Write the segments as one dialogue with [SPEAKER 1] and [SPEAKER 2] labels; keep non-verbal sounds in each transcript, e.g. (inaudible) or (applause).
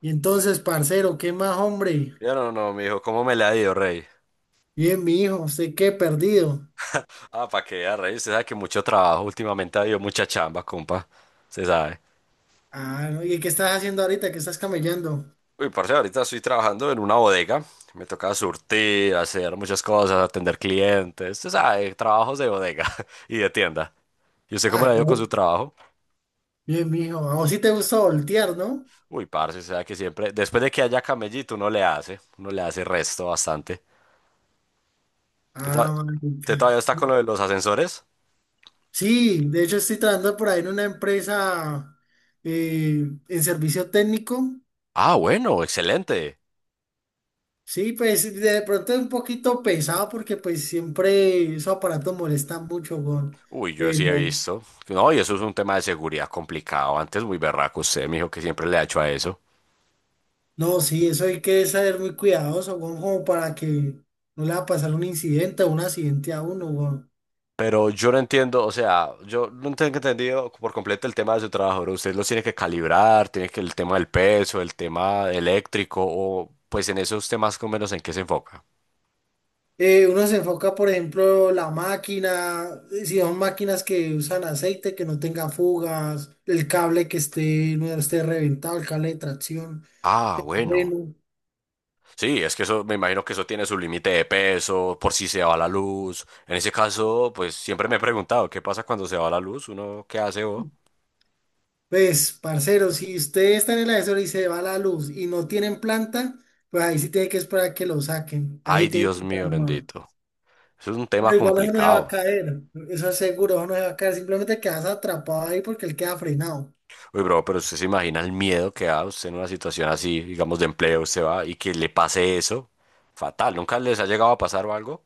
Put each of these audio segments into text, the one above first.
[SPEAKER 1] Y entonces, parcero, ¿qué más, hombre?
[SPEAKER 2] Ya no, no, mijo, ¿cómo me le ha ido, rey?
[SPEAKER 1] Bien, mi hijo, ¿usted qué? Perdido.
[SPEAKER 2] Ah, pa' que vea, rey, usted sabe que mucho trabajo últimamente ha habido mucha chamba, compa, se sabe.
[SPEAKER 1] Ah, no, ¿y qué estás haciendo ahorita? ¿Qué estás camellando?
[SPEAKER 2] Uy, parce, ahorita estoy trabajando en una bodega, me toca surtir, hacer muchas cosas, atender clientes, se sabe, trabajos de bodega (laughs) y de tienda. ¿Y usted cómo
[SPEAKER 1] Ah,
[SPEAKER 2] le ha
[SPEAKER 1] a
[SPEAKER 2] ido con
[SPEAKER 1] vo-
[SPEAKER 2] su trabajo?
[SPEAKER 1] Bien, mi hijo. A vos sí te gusta voltear, ¿no?
[SPEAKER 2] Uy, parce, se sabe que siempre, después de que haya camellito, uno le hace resto bastante. ¿Usted
[SPEAKER 1] Ah,
[SPEAKER 2] to- ¿Usted todavía
[SPEAKER 1] marica.
[SPEAKER 2] está con lo de los ascensores?
[SPEAKER 1] Sí, de hecho estoy trabajando por ahí en una empresa en servicio técnico.
[SPEAKER 2] Ah, bueno, excelente.
[SPEAKER 1] Sí, pues de pronto es un poquito pesado porque pues siempre esos aparatos molestan mucho, weón.
[SPEAKER 2] Uy, yo sí he visto. No, y eso es un tema de seguridad complicado. Antes muy berraco usted, me dijo que siempre le ha hecho a eso.
[SPEAKER 1] No, sí, eso hay que saber muy cuidadoso, weón, como para que no le va a pasar un incidente o un accidente a uno, weón.
[SPEAKER 2] Pero yo no entiendo, o sea, yo no tengo entendido por completo el tema de su trabajo, ¿no? Usted los tiene que calibrar, tiene que el tema del peso, el tema eléctrico, o pues en esos temas con menos en qué se enfoca.
[SPEAKER 1] Uno se enfoca, por ejemplo, la máquina, si son máquinas que usan aceite, que no tenga fugas, el cable que esté, no esté reventado, el cable de tracción.
[SPEAKER 2] Ah, bueno.
[SPEAKER 1] Bueno,
[SPEAKER 2] Sí, es que eso, me imagino que eso tiene su límite de peso, por si se va la luz. En ese caso, pues siempre me he preguntado, ¿qué pasa cuando se va la luz? ¿Uno qué hace, vos?
[SPEAKER 1] pues, parcero, si usted está en el ascensor y se va la luz y no tienen planta, pues ahí sí tiene que esperar que lo saquen. Ahí se
[SPEAKER 2] Ay,
[SPEAKER 1] tiene que
[SPEAKER 2] Dios
[SPEAKER 1] estar.
[SPEAKER 2] mío, bendito. Eso es un tema
[SPEAKER 1] Pero igual eso no se va a
[SPEAKER 2] complicado.
[SPEAKER 1] caer, eso es seguro, eso no se va a caer, simplemente quedas atrapado ahí porque él queda frenado.
[SPEAKER 2] Uy, bro, pero usted se imagina el miedo que da usted en una situación así, digamos, de empleo, usted va y que le pase eso. Fatal, ¿nunca les ha llegado a pasar o algo?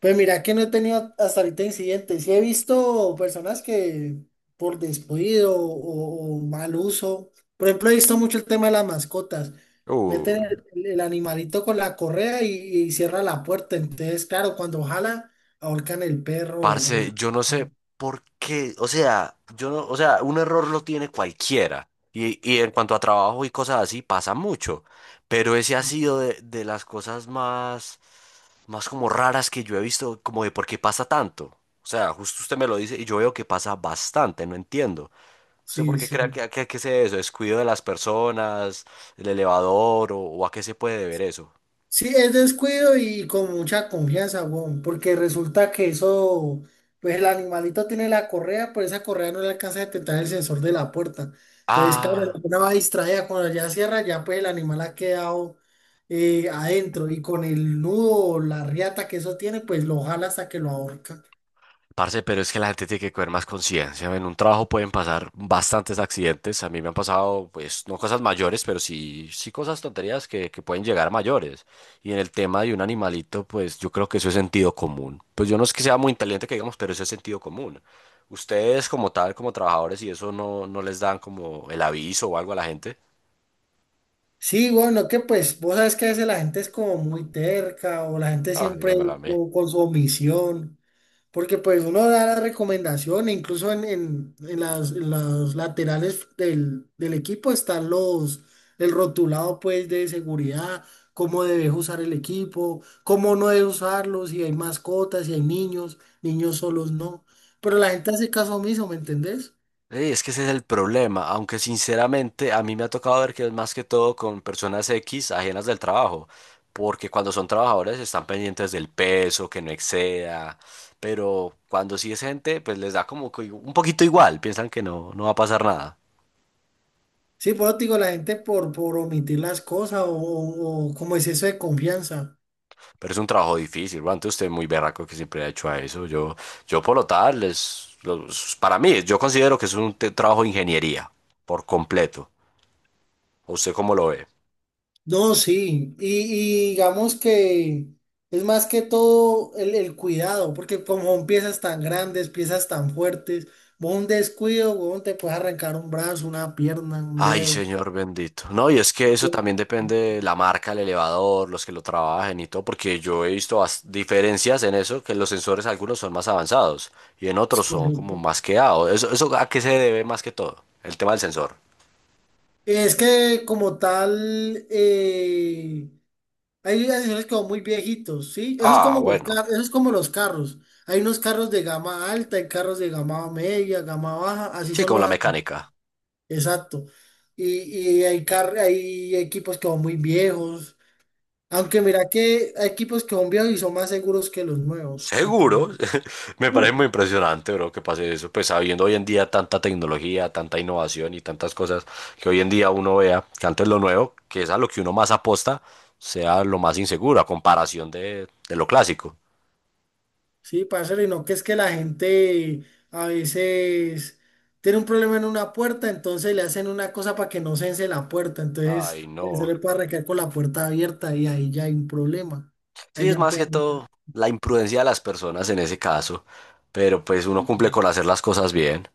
[SPEAKER 1] Pues mira que no he tenido hasta ahorita incidentes, sí he visto personas que por descuido o mal uso, por ejemplo he visto mucho el tema de las mascotas, meten
[SPEAKER 2] Uy,
[SPEAKER 1] animalito con la correa y cierra la puerta, entonces claro, cuando jala ahorcan el perro, o
[SPEAKER 2] parce,
[SPEAKER 1] el-
[SPEAKER 2] yo no sé por qué, o sea, yo no, o sea, un error lo tiene cualquiera. Y en cuanto a trabajo y cosas así, pasa mucho. Pero ese ha sido de las cosas más, más como raras que yo he visto, como de por qué pasa tanto. O sea, justo usted me lo dice y yo veo que pasa bastante, no entiendo. ¿Usted por
[SPEAKER 1] sí,
[SPEAKER 2] qué cree
[SPEAKER 1] sí.
[SPEAKER 2] que, que es eso? ¿Descuido de las personas, el elevador o a qué se puede deber eso?
[SPEAKER 1] Sí, es descuido y con mucha confianza, weón, porque resulta que eso, pues el animalito tiene la correa, pero esa correa no le alcanza a detectar el sensor de la puerta. Entonces, claro, la
[SPEAKER 2] Ah,
[SPEAKER 1] persona va distraída, cuando ya cierra, ya pues el animal ha quedado adentro y con el nudo o la riata que eso tiene, pues lo jala hasta que lo ahorca.
[SPEAKER 2] parce, pero es que la gente tiene que coger más conciencia. En un trabajo pueden pasar bastantes accidentes. A mí me han pasado, pues, no cosas mayores, pero sí, sí cosas tonterías que pueden llegar a mayores. Y en el tema de un animalito, pues yo creo que eso es sentido común. Pues yo no es que sea muy inteligente que digamos, pero eso es sentido común. Ustedes como tal, como trabajadores, y eso no, no les dan como el aviso o algo a la gente.
[SPEAKER 1] Sí, bueno, que pues vos sabes que a veces la gente es como muy terca o la gente
[SPEAKER 2] Ah,
[SPEAKER 1] siempre
[SPEAKER 2] dígamelo a mí.
[SPEAKER 1] como con su omisión. Porque pues uno da la recomendación, e incluso en las laterales del equipo están los, el rotulado pues de seguridad, cómo debes usar el equipo, cómo no debes usarlo, si hay mascotas, si hay niños, niños solos no. Pero la gente hace caso omiso, ¿me entendés?
[SPEAKER 2] Sí, es que ese es el problema, aunque sinceramente a mí me ha tocado ver que es más que todo con personas X ajenas del trabajo, porque cuando son trabajadores están pendientes del peso, que no exceda, pero cuando sí es gente, pues les da como que un poquito igual, piensan que no, no va a pasar nada.
[SPEAKER 1] Sí, por eso te digo, la gente por omitir las cosas o como es eso de confianza.
[SPEAKER 2] Pero es un trabajo difícil, antes usted muy berraco que siempre ha hecho a eso, yo por lo tal, es, para mí, yo considero que es un trabajo de ingeniería, por completo. ¿Usted cómo lo ve?
[SPEAKER 1] No, sí, y digamos que es más que todo el cuidado, porque como son piezas tan grandes, piezas tan fuertes, vos un descuido, vos te puedes arrancar un brazo, una pierna, un
[SPEAKER 2] Ay,
[SPEAKER 1] dedo.
[SPEAKER 2] señor bendito. No, y es que eso también depende de la marca, el elevador, los que lo trabajen y todo, porque yo he visto diferencias en eso, que los sensores algunos son más avanzados y en
[SPEAKER 1] Es
[SPEAKER 2] otros son como
[SPEAKER 1] correcto.
[SPEAKER 2] más quedados. Eso a qué se debe más que todo, el tema del sensor.
[SPEAKER 1] Es que como tal, hay asesores que son muy viejitos, ¿sí? Eso es
[SPEAKER 2] Ah,
[SPEAKER 1] como los
[SPEAKER 2] bueno.
[SPEAKER 1] carros, eso es como los carros. Hay unos carros de gama alta, hay carros de gama media, gama baja, así
[SPEAKER 2] Sí,
[SPEAKER 1] son
[SPEAKER 2] como la
[SPEAKER 1] los...
[SPEAKER 2] mecánica.
[SPEAKER 1] Exacto. Y hay, car- hay equipos que son muy viejos. Aunque mira que hay equipos que son viejos y son más seguros que los nuevos. ¿Para que
[SPEAKER 2] Seguro, (laughs) me
[SPEAKER 1] uh,
[SPEAKER 2] parece muy impresionante, bro, que pase eso, pues sabiendo hoy en día tanta tecnología, tanta innovación y tantas cosas que hoy en día uno vea, que antes lo nuevo, que es a lo que uno más aposta, sea lo más inseguro a comparación de lo clásico.
[SPEAKER 1] sí, parcero, y no que es que la gente a veces tiene un problema en una puerta, entonces le hacen una cosa para que no cese la puerta. Entonces
[SPEAKER 2] Ay,
[SPEAKER 1] se
[SPEAKER 2] no.
[SPEAKER 1] le puede recaer con la puerta abierta y ahí ya hay un problema.
[SPEAKER 2] Sí,
[SPEAKER 1] Ahí
[SPEAKER 2] es
[SPEAKER 1] ya
[SPEAKER 2] más que
[SPEAKER 1] puede.
[SPEAKER 2] todo la imprudencia de las personas en ese caso, pero pues uno cumple con hacer las cosas bien.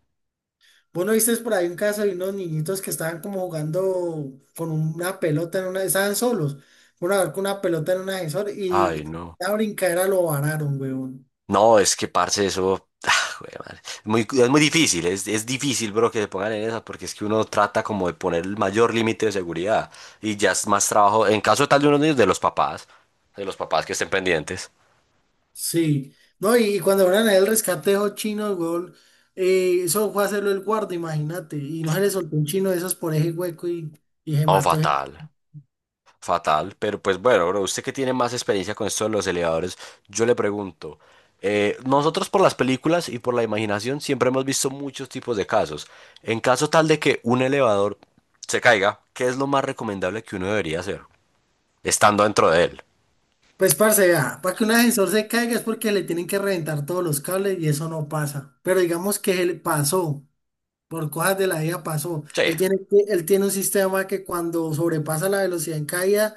[SPEAKER 1] Vos no viste por ahí un caso de unos niñitos que estaban como jugando con una pelota en una, estaban solos, una vez con una pelota en un ascensor y
[SPEAKER 2] Ay, no.
[SPEAKER 1] la brincadera lo vararon, weón.
[SPEAKER 2] No, es que parce, eso. (laughs) (sighs) Ah, güey, madre. Es muy difícil, es difícil, bro, que se pongan en esa, porque es que uno trata como de poner el mayor límite de seguridad y ya es más trabajo, en caso tal de unos niños, de los papás que estén pendientes.
[SPEAKER 1] Sí, no, y cuando fueron a el rescate de esos chinos, weón, eso fue a hacerlo el guarda, imagínate, y no se le soltó un chino de esos por ese hueco y se
[SPEAKER 2] Oh,
[SPEAKER 1] mató. Ese-
[SPEAKER 2] fatal, fatal, pero pues bueno, bro, usted que tiene más experiencia con esto de los elevadores, yo le pregunto, nosotros por las películas y por la imaginación siempre hemos visto muchos tipos de casos. En caso tal de que un elevador se caiga, ¿qué es lo más recomendable que uno debería hacer estando dentro de él?
[SPEAKER 1] pues, parce, vea, para que un ascensor se caiga es porque le tienen que reventar todos los cables y eso no pasa, pero digamos que se le pasó. Por cosas de la vida pasó.
[SPEAKER 2] Sí,
[SPEAKER 1] Él tiene, que- él tiene un sistema que cuando sobrepasa la velocidad en caída,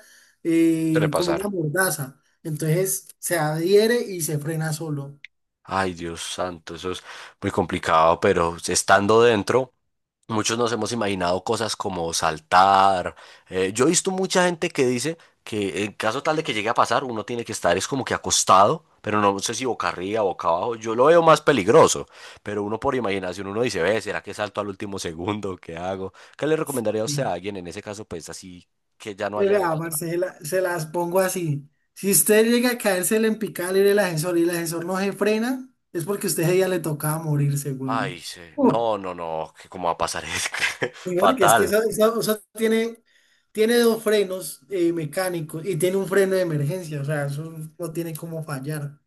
[SPEAKER 2] suele
[SPEAKER 1] como una
[SPEAKER 2] pasar.
[SPEAKER 1] mordaza. Entonces se adhiere y se frena solo.
[SPEAKER 2] Ay, Dios santo, eso es muy complicado, pero estando dentro, muchos nos hemos imaginado cosas como saltar. Yo he visto mucha gente que dice que en caso tal de que llegue a pasar, uno tiene que estar es como que acostado, pero no sé si boca arriba, boca abajo. Yo lo veo más peligroso, pero uno por imaginación, uno dice, ve, ¿será que salto al último (laughs) segundo? ¿Qué hago? ¿Qué le recomendaría a usted
[SPEAKER 1] Y
[SPEAKER 2] a alguien en ese caso, pues así que ya no
[SPEAKER 1] pues,
[SPEAKER 2] haya de
[SPEAKER 1] vea,
[SPEAKER 2] otra?
[SPEAKER 1] Marcela, se las pongo así. Si usted llega a caérsele en picada libre el ascensor y el ascensor no se frena, es porque a usted ese día le tocaba morirse,
[SPEAKER 2] Ay,
[SPEAKER 1] weón.
[SPEAKER 2] sí.
[SPEAKER 1] Uh,
[SPEAKER 2] No, no, no, que cómo va a pasar es que- (laughs)
[SPEAKER 1] sí, porque es que
[SPEAKER 2] fatal.
[SPEAKER 1] eso, eso tiene, tiene dos frenos mecánicos y tiene un freno de emergencia, o sea, eso no tiene cómo fallar.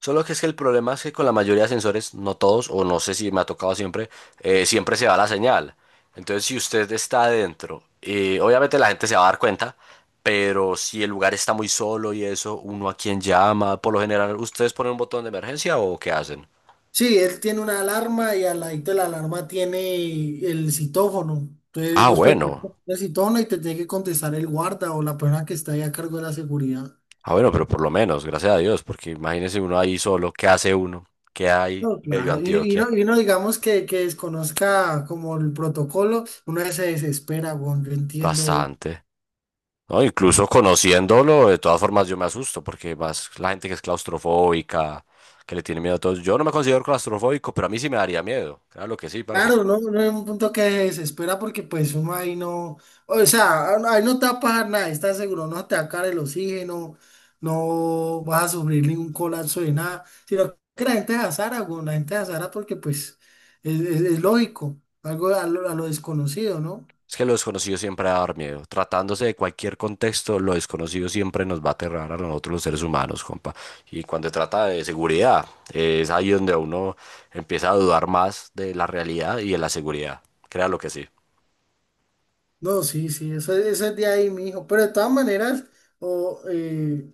[SPEAKER 2] Solo que es que el problema es que con la mayoría de sensores, no todos, o no sé si me ha tocado siempre, siempre se va la señal. Entonces, si usted está adentro, obviamente la gente se va a dar cuenta, pero si el lugar está muy solo y eso, uno a quién llama, por lo general, ¿ustedes ponen un botón de emergencia o qué hacen?
[SPEAKER 1] Sí, él tiene una alarma y al ladito de la alarma tiene el citófono. Entonces
[SPEAKER 2] Ah,
[SPEAKER 1] vos presionas
[SPEAKER 2] bueno.
[SPEAKER 1] el citófono y te tiene que contestar el guarda o la persona que está ahí a cargo de la seguridad.
[SPEAKER 2] Ah, bueno, pero por lo menos, gracias a Dios, porque imagínese uno ahí solo, ¿qué hace uno? ¿Qué hay,
[SPEAKER 1] No,
[SPEAKER 2] bello
[SPEAKER 1] claro. Y
[SPEAKER 2] Antioquia?
[SPEAKER 1] no, y no digamos que desconozca como el protocolo, uno se desespera, bueno, yo entiendo.
[SPEAKER 2] Bastante. No, incluso conociéndolo, de todas formas yo me asusto porque más la gente que es claustrofóbica, que le tiene miedo a todo, eso. Yo no me considero claustrofóbico, pero a mí sí me daría miedo. Claro que sí, parce.
[SPEAKER 1] Claro, no, no es un punto que desespera porque pues uno ahí no, o sea, ahí no te va a pasar nada, estás seguro, no te va a caer el oxígeno, no vas a sufrir ningún colapso de nada, sino que la gente de azara, güey, la gente de azara porque pues es, es lógico, algo a lo desconocido, ¿no?
[SPEAKER 2] Es que lo desconocido siempre va a dar miedo. Tratándose de cualquier contexto, lo desconocido siempre nos va a aterrar a nosotros los seres humanos, compa. Y cuando se trata de seguridad, es ahí donde uno empieza a dudar más de la realidad y de la seguridad. Créalo que sí.
[SPEAKER 1] No, sí, sí, eso, eso es de ahí, mijo, pero de todas maneras, o, eh,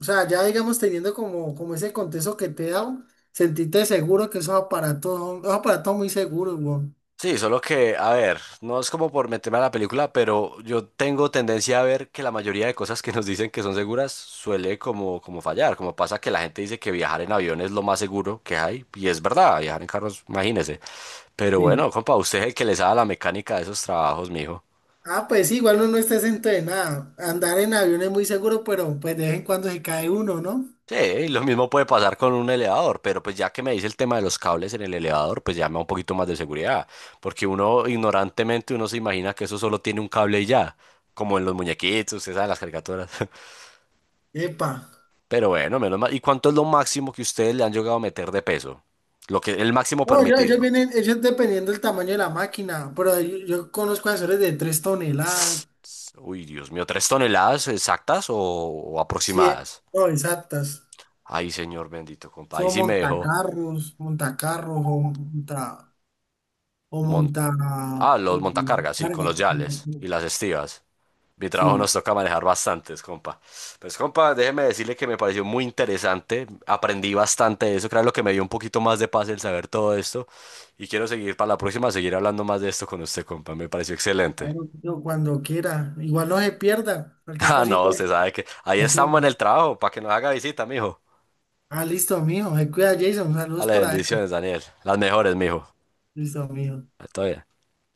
[SPEAKER 1] o sea, ya digamos teniendo como, como ese contexto que te he dado, sentiste seguro que esos aparatos, esos aparatos son muy seguros, güey.
[SPEAKER 2] Sí, solo que, a ver, no es como por meterme a la película, pero yo tengo tendencia a ver que la mayoría de cosas que nos dicen que son seguras suele como, como fallar, como pasa que la gente dice que viajar en avión es lo más seguro que hay, y es verdad, viajar en carros, imagínese. Pero
[SPEAKER 1] Sí.
[SPEAKER 2] bueno, compa, usted es el que le sabe la mecánica de esos trabajos, mijo.
[SPEAKER 1] Ah, pues sí, igual uno no está entrenado. Andar en avión es muy seguro, pero pues de vez en cuando se cae uno, ¿no?
[SPEAKER 2] Sí, y lo mismo puede pasar con un elevador, pero pues ya que me dice el tema de los cables en el elevador, pues ya me da un poquito más de seguridad, porque uno ignorantemente uno se imagina que eso solo tiene un cable y ya, como en los muñequitos, ustedes saben las caricaturas.
[SPEAKER 1] Epa.
[SPEAKER 2] Pero bueno, menos mal. ¿Y cuánto es lo máximo que ustedes le han llegado a meter de peso? Lo que, el máximo
[SPEAKER 1] No, ellos,
[SPEAKER 2] permitido.
[SPEAKER 1] vienen, ellos dependiendo del tamaño de la máquina, pero yo conozco asesores de 3 toneladas,
[SPEAKER 2] Uy, Dios mío, ¿3 toneladas exactas o
[SPEAKER 1] sí,
[SPEAKER 2] aproximadas?
[SPEAKER 1] no, exactas.
[SPEAKER 2] Ay, señor bendito, compa. Ahí
[SPEAKER 1] Son
[SPEAKER 2] sí me dejó.
[SPEAKER 1] montacarros, montacarros o
[SPEAKER 2] Mon-
[SPEAKER 1] monta
[SPEAKER 2] ah, los
[SPEAKER 1] eh,
[SPEAKER 2] montacargas, sí, con
[SPEAKER 1] carga.
[SPEAKER 2] los yales y las estivas. Mi trabajo
[SPEAKER 1] Sí,
[SPEAKER 2] nos toca manejar bastantes, compa. Pues, compa, déjeme decirle que me pareció muy interesante. Aprendí bastante de eso. Creo que es lo que me dio un poquito más de paz el saber todo esto. Y quiero seguir para la próxima, seguir hablando más de esto con usted, compa. Me pareció excelente.
[SPEAKER 1] claro, yo cuando quiera. Igual no se pierda
[SPEAKER 2] (laughs)
[SPEAKER 1] cualquier
[SPEAKER 2] Ah, no,
[SPEAKER 1] cosita de
[SPEAKER 2] usted sabe que ahí estamos en el
[SPEAKER 1] información.
[SPEAKER 2] trabajo para que nos haga visita, mijo.
[SPEAKER 1] Ah, listo, mijo. Se cuida, Jason. Saludos
[SPEAKER 2] Dale,
[SPEAKER 1] por ahí.
[SPEAKER 2] bendiciones, Daniel. Las mejores, mijo.
[SPEAKER 1] Listo, amigo.
[SPEAKER 2] Todo bien.